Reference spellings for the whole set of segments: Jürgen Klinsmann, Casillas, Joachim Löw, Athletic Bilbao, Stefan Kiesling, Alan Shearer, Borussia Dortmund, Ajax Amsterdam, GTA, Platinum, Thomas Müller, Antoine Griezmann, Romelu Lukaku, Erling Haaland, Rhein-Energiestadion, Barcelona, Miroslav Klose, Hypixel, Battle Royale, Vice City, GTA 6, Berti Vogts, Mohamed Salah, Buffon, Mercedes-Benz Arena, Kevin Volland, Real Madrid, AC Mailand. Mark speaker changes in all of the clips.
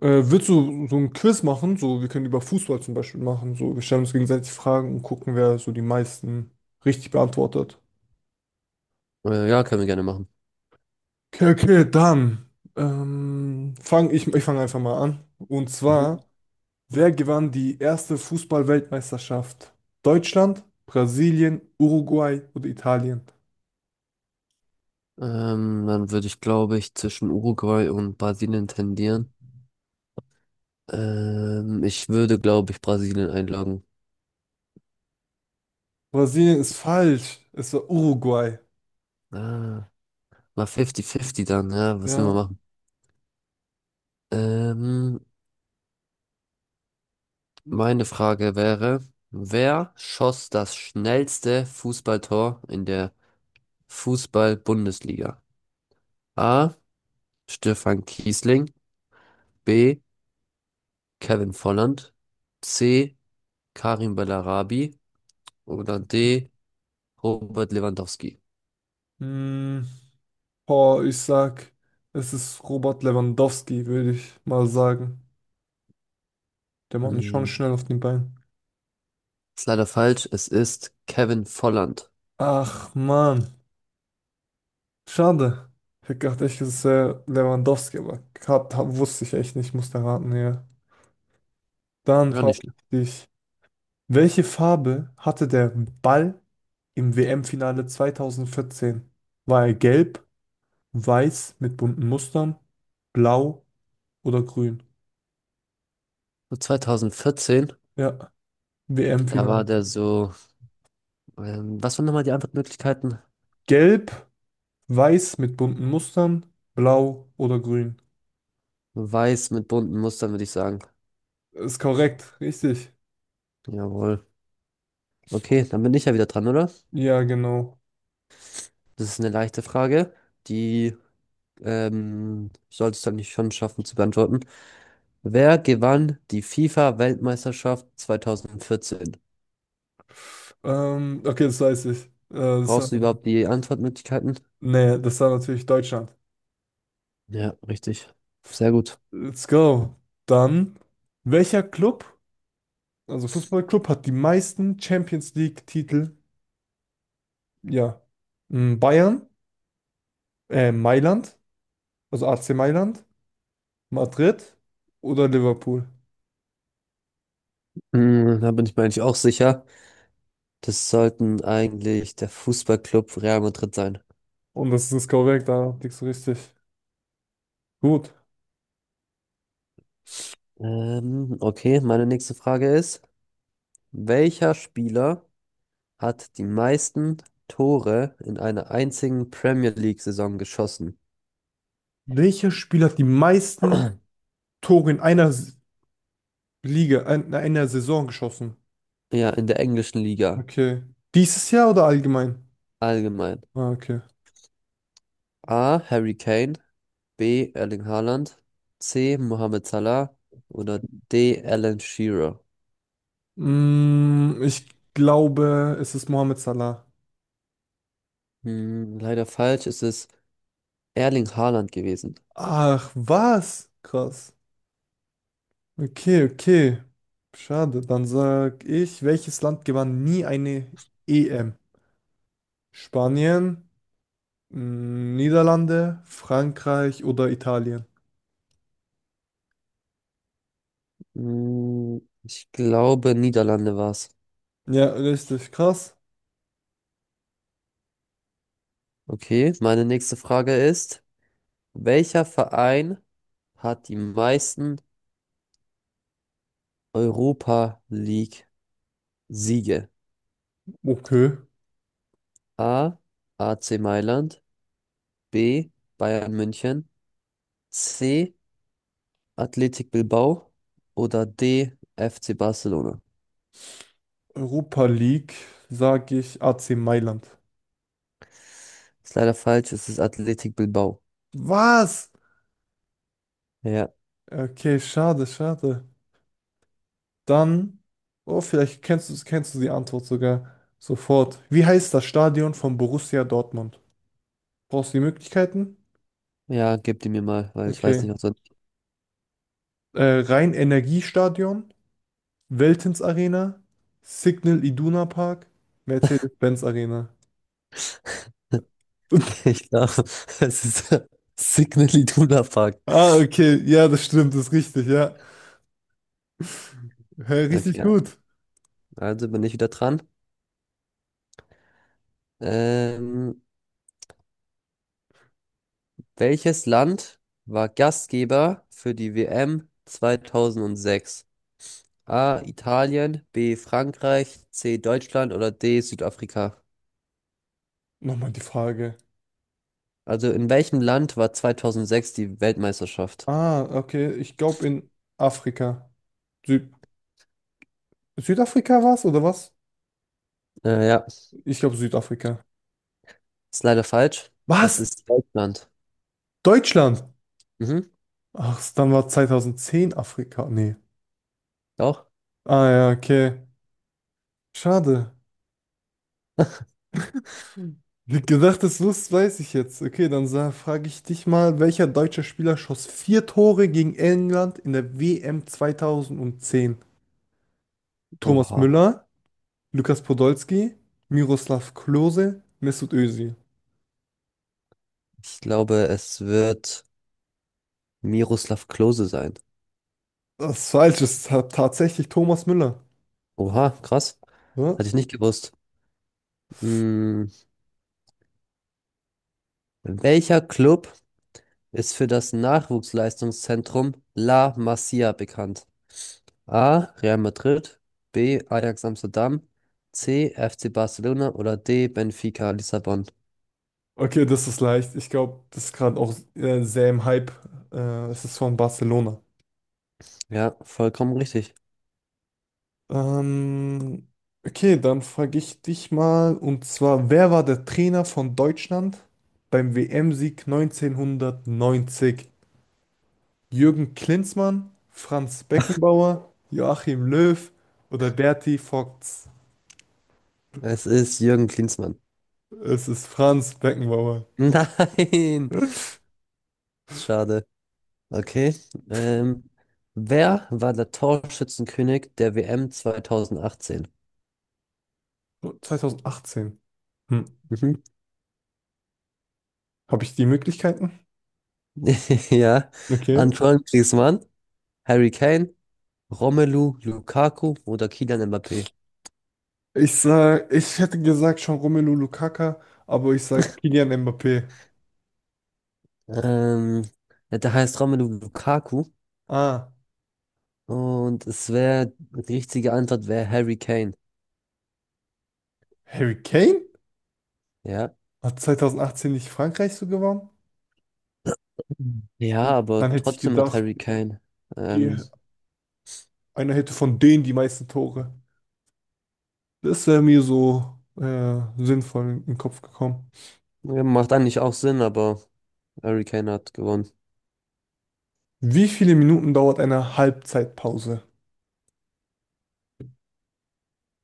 Speaker 1: Willst du so ein Quiz machen? So, wir können über Fußball zum Beispiel machen. So, wir stellen uns gegenseitig Fragen und gucken, wer so die meisten richtig beantwortet.
Speaker 2: Ja, können wir gerne machen.
Speaker 1: Okay, okay, dann fang ich, ich fange einfach mal an. Und zwar,
Speaker 2: Mhm.
Speaker 1: wer gewann die erste Fußball-Weltmeisterschaft? Deutschland, Brasilien, Uruguay oder Italien?
Speaker 2: Dann würde ich, glaube ich, zwischen Uruguay und Brasilien tendieren. Ich würde, glaube ich, Brasilien einloggen.
Speaker 1: Brasilien ist falsch. Es war Uruguay.
Speaker 2: Ah, mal 50-50 dann, ja, was will man
Speaker 1: Ja.
Speaker 2: machen? Ähm, Meine Frage wäre: Wer schoss das schnellste Fußballtor in der Fußball-Bundesliga? A. Stefan Kiesling, B. Kevin Volland, C. Karim Bellarabi oder D. Robert Lewandowski.
Speaker 1: Hm, boah, ich sag, es ist Robert Lewandowski, würde ich mal sagen. Der macht mich schon
Speaker 2: Hm,
Speaker 1: schnell auf den Beinen.
Speaker 2: Ist leider falsch. Es ist Kevin Volland.
Speaker 1: Ach, Mann. Schade. Ich hätte gedacht, echt, es ist Lewandowski, aber grad, wusste ich echt nicht. Musste raten, ja. Dann
Speaker 2: Ja,
Speaker 1: frage
Speaker 2: nicht.
Speaker 1: ich dich, welche Farbe hatte der Ball im WM-Finale 2014? War er gelb, weiß mit bunten Mustern, blau oder grün?
Speaker 2: So 2014,
Speaker 1: Ja,
Speaker 2: da war
Speaker 1: WM-Finale.
Speaker 2: der so. Was waren nochmal die Antwortmöglichkeiten?
Speaker 1: Gelb, weiß mit bunten Mustern, blau oder grün?
Speaker 2: Weiß mit bunten Mustern, würde ich sagen.
Speaker 1: Ist korrekt, richtig.
Speaker 2: Jawohl. Okay, dann bin ich ja wieder dran, oder?
Speaker 1: Ja, genau.
Speaker 2: Das ist eine leichte Frage. Die solltest du eigentlich schon schaffen zu beantworten. Wer gewann die FIFA-Weltmeisterschaft 2014?
Speaker 1: Okay, das weiß ich. Das war,
Speaker 2: Brauchst du überhaupt die Antwortmöglichkeiten?
Speaker 1: nee, das war natürlich Deutschland.
Speaker 2: Ja, richtig. Sehr gut.
Speaker 1: Let's go. Dann, welcher Club, also Fußballclub, hat die meisten Champions League-Titel? Ja. Mm, Bayern, Mailand, also AC Mailand, Madrid oder Liverpool?
Speaker 2: Da bin ich mir eigentlich auch sicher. Das sollten eigentlich der Fußballclub Real Madrid sein.
Speaker 1: Und das ist korrekt, da liegst du richtig. Gut.
Speaker 2: Okay, meine nächste Frage ist: Welcher Spieler hat die meisten Tore in einer einzigen Premier League-Saison geschossen?
Speaker 1: Welcher Spieler hat die meisten Tore in einer Liga, in einer Saison geschossen?
Speaker 2: Ja, in der englischen Liga
Speaker 1: Okay. Dieses Jahr oder allgemein?
Speaker 2: allgemein.
Speaker 1: Ah, okay.
Speaker 2: A. Harry Kane, B. Erling Haaland, C. Mohamed Salah oder D. Alan Shearer.
Speaker 1: Mm, ich glaube, es ist Mohamed Salah.
Speaker 2: Leider falsch, es ist Erling Haaland gewesen.
Speaker 1: Ach, was? Krass. Okay, okay. Schade. Dann sag ich, welches Land gewann nie eine EM? Spanien, mm, Niederlande, Frankreich oder Italien?
Speaker 2: Ich glaube, Niederlande war's.
Speaker 1: Ja, richtig krass.
Speaker 2: Okay, meine nächste Frage ist: Welcher Verein hat die meisten Europa League Siege?
Speaker 1: Okay.
Speaker 2: A. AC Mailand, B. Bayern München, C. Athletic Bilbao oder D. FC Barcelona?
Speaker 1: Europa League, sag ich AC Mailand.
Speaker 2: Ist leider falsch, es ist Athletic Bilbao.
Speaker 1: Was?
Speaker 2: Ja,
Speaker 1: Okay, schade, schade. Dann, oh, vielleicht kennst du die Antwort sogar sofort. Wie heißt das Stadion von Borussia Dortmund? Brauchst du die Möglichkeiten?
Speaker 2: ja, gib die mir mal, weil ich weiß
Speaker 1: Okay.
Speaker 2: nicht, ob so.
Speaker 1: Rhein-Energiestadion, Veltins Arena, Signal Iduna Park, Mercedes-Benz Arena.
Speaker 2: Ich glaube, es ist Signal Iduna Park.
Speaker 1: Ah, okay. Ja, das stimmt, das ist richtig, ja. Hä, richtig
Speaker 2: Okay,
Speaker 1: gut.
Speaker 2: also bin ich wieder dran. Ähm, Welches Land war Gastgeber für die WM 2006? A. Italien, B. Frankreich, C. Deutschland oder D. Südafrika?
Speaker 1: Nochmal die Frage.
Speaker 2: Also in welchem Land war 2006 die Weltmeisterschaft?
Speaker 1: Ah, okay. Ich glaube in Afrika. Süd Südafrika war's oder was?
Speaker 2: Ja,
Speaker 1: Ich glaube Südafrika.
Speaker 2: ist leider falsch. Es
Speaker 1: Was?
Speaker 2: ist Deutschland.
Speaker 1: Deutschland?
Speaker 2: Mhm,
Speaker 1: Ach, dann war 2010 Afrika. Nee.
Speaker 2: doch.
Speaker 1: Ah ja, okay. Schade. Hm. Wie gedacht, das lust, weiß ich jetzt. Okay, dann frage ich dich mal, welcher deutsche Spieler schoss vier Tore gegen England in der WM 2010? Thomas
Speaker 2: Oha.
Speaker 1: Müller, Lukas Podolski, Miroslav Klose, Mesut Özil.
Speaker 2: Ich glaube, es wird Miroslav Klose sein.
Speaker 1: Das ist falsch, es ist tatsächlich Thomas Müller.
Speaker 2: Oha, krass.
Speaker 1: Ja?
Speaker 2: Hatte ich nicht gewusst. Hm, Welcher Club ist für das Nachwuchsleistungszentrum La Masia bekannt? A. Real Madrid, B. Ajax Amsterdam, C. FC Barcelona oder D. Benfica Lissabon?
Speaker 1: Okay, das ist leicht. Ich glaube, das ist gerade auch sehr im Hype. Es ist von Barcelona.
Speaker 2: Ja, vollkommen richtig.
Speaker 1: Ähm, okay, dann frage ich dich mal, und zwar, wer war der Trainer von Deutschland beim WM-Sieg 1990? Jürgen Klinsmann, Franz Beckenbauer, Joachim Löw oder Berti Vogts?
Speaker 2: Es ist Jürgen Klinsmann.
Speaker 1: Es ist Franz Beckenbauer.
Speaker 2: Nein! Schade. Okay. Ähm, Wer war der Torschützenkönig der WM 2018?
Speaker 1: 2018. Hm.
Speaker 2: Mhm.
Speaker 1: Habe ich die Möglichkeiten?
Speaker 2: Ja,
Speaker 1: Okay.
Speaker 2: Antoine Griezmann, Harry Kane, Romelu Lukaku oder Kylian Mbappé?
Speaker 1: Ich sag, ich hätte gesagt schon Romelu Lukaku, aber ich sag Kylian Mbappé.
Speaker 2: Ähm, ja, der heißt Romelu Lukaku,
Speaker 1: Ah,
Speaker 2: und es wäre, die richtige Antwort wäre Harry Kane.
Speaker 1: Harry Kane?
Speaker 2: Ja.
Speaker 1: Hat 2018 nicht Frankreich so gewonnen?
Speaker 2: Hm. Ja,
Speaker 1: Und dann
Speaker 2: aber
Speaker 1: hätte ich
Speaker 2: trotzdem hat
Speaker 1: gedacht,
Speaker 2: Harry Kane.
Speaker 1: die,
Speaker 2: Ähm,
Speaker 1: einer hätte von denen die meisten Tore. Das wäre mir so sinnvoll in den Kopf gekommen.
Speaker 2: ja, macht eigentlich auch Sinn, aber Harry Kane hat gewonnen.
Speaker 1: Wie viele Minuten dauert eine Halbzeitpause?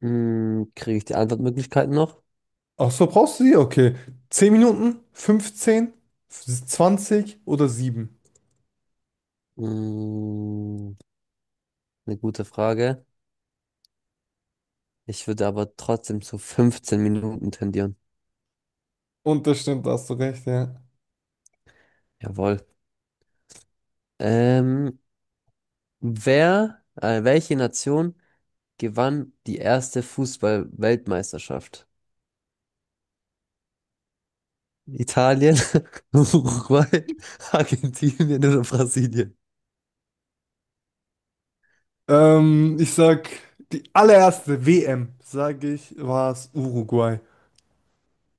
Speaker 2: Kriege ich die Antwortmöglichkeiten noch?
Speaker 1: Ach so, brauchst du sie? Okay. 10 Minuten, 15? 20 oder 7?
Speaker 2: Hm, eine gute Frage. Ich würde aber trotzdem zu 15 Minuten tendieren.
Speaker 1: Und das stimmt, da hast du recht, ja.
Speaker 2: Jawohl. Ähm, Wer, welche Nation gewann die erste Fußball-Weltmeisterschaft? Italien, Uruguay, Argentinien oder Brasilien.
Speaker 1: Ich sag, die allererste WM, sage ich, war es Uruguay.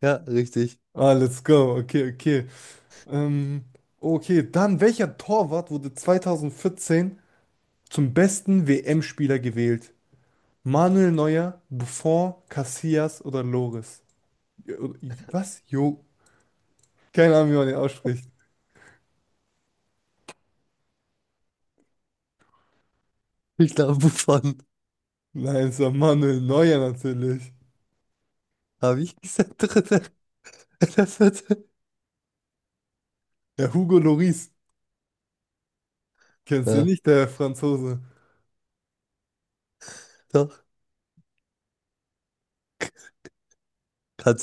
Speaker 2: Ja, richtig.
Speaker 1: Ah, let's go. Okay, okay. Ähm, okay, dann welcher Torwart wurde 2014 zum besten WM-Spieler gewählt? Manuel Neuer, Buffon, Casillas oder Loris? Ja, was? Jo, keine Ahnung, wie man den ausspricht.
Speaker 2: Ich glaube, Buffon.
Speaker 1: Nein, es war Manuel Neuer natürlich.
Speaker 2: Habe ich gesagt, dritte oder vierte?
Speaker 1: Der Hugo Loris. Kennst du ihn
Speaker 2: Ja,
Speaker 1: nicht, der Franzose?
Speaker 2: doch. Hat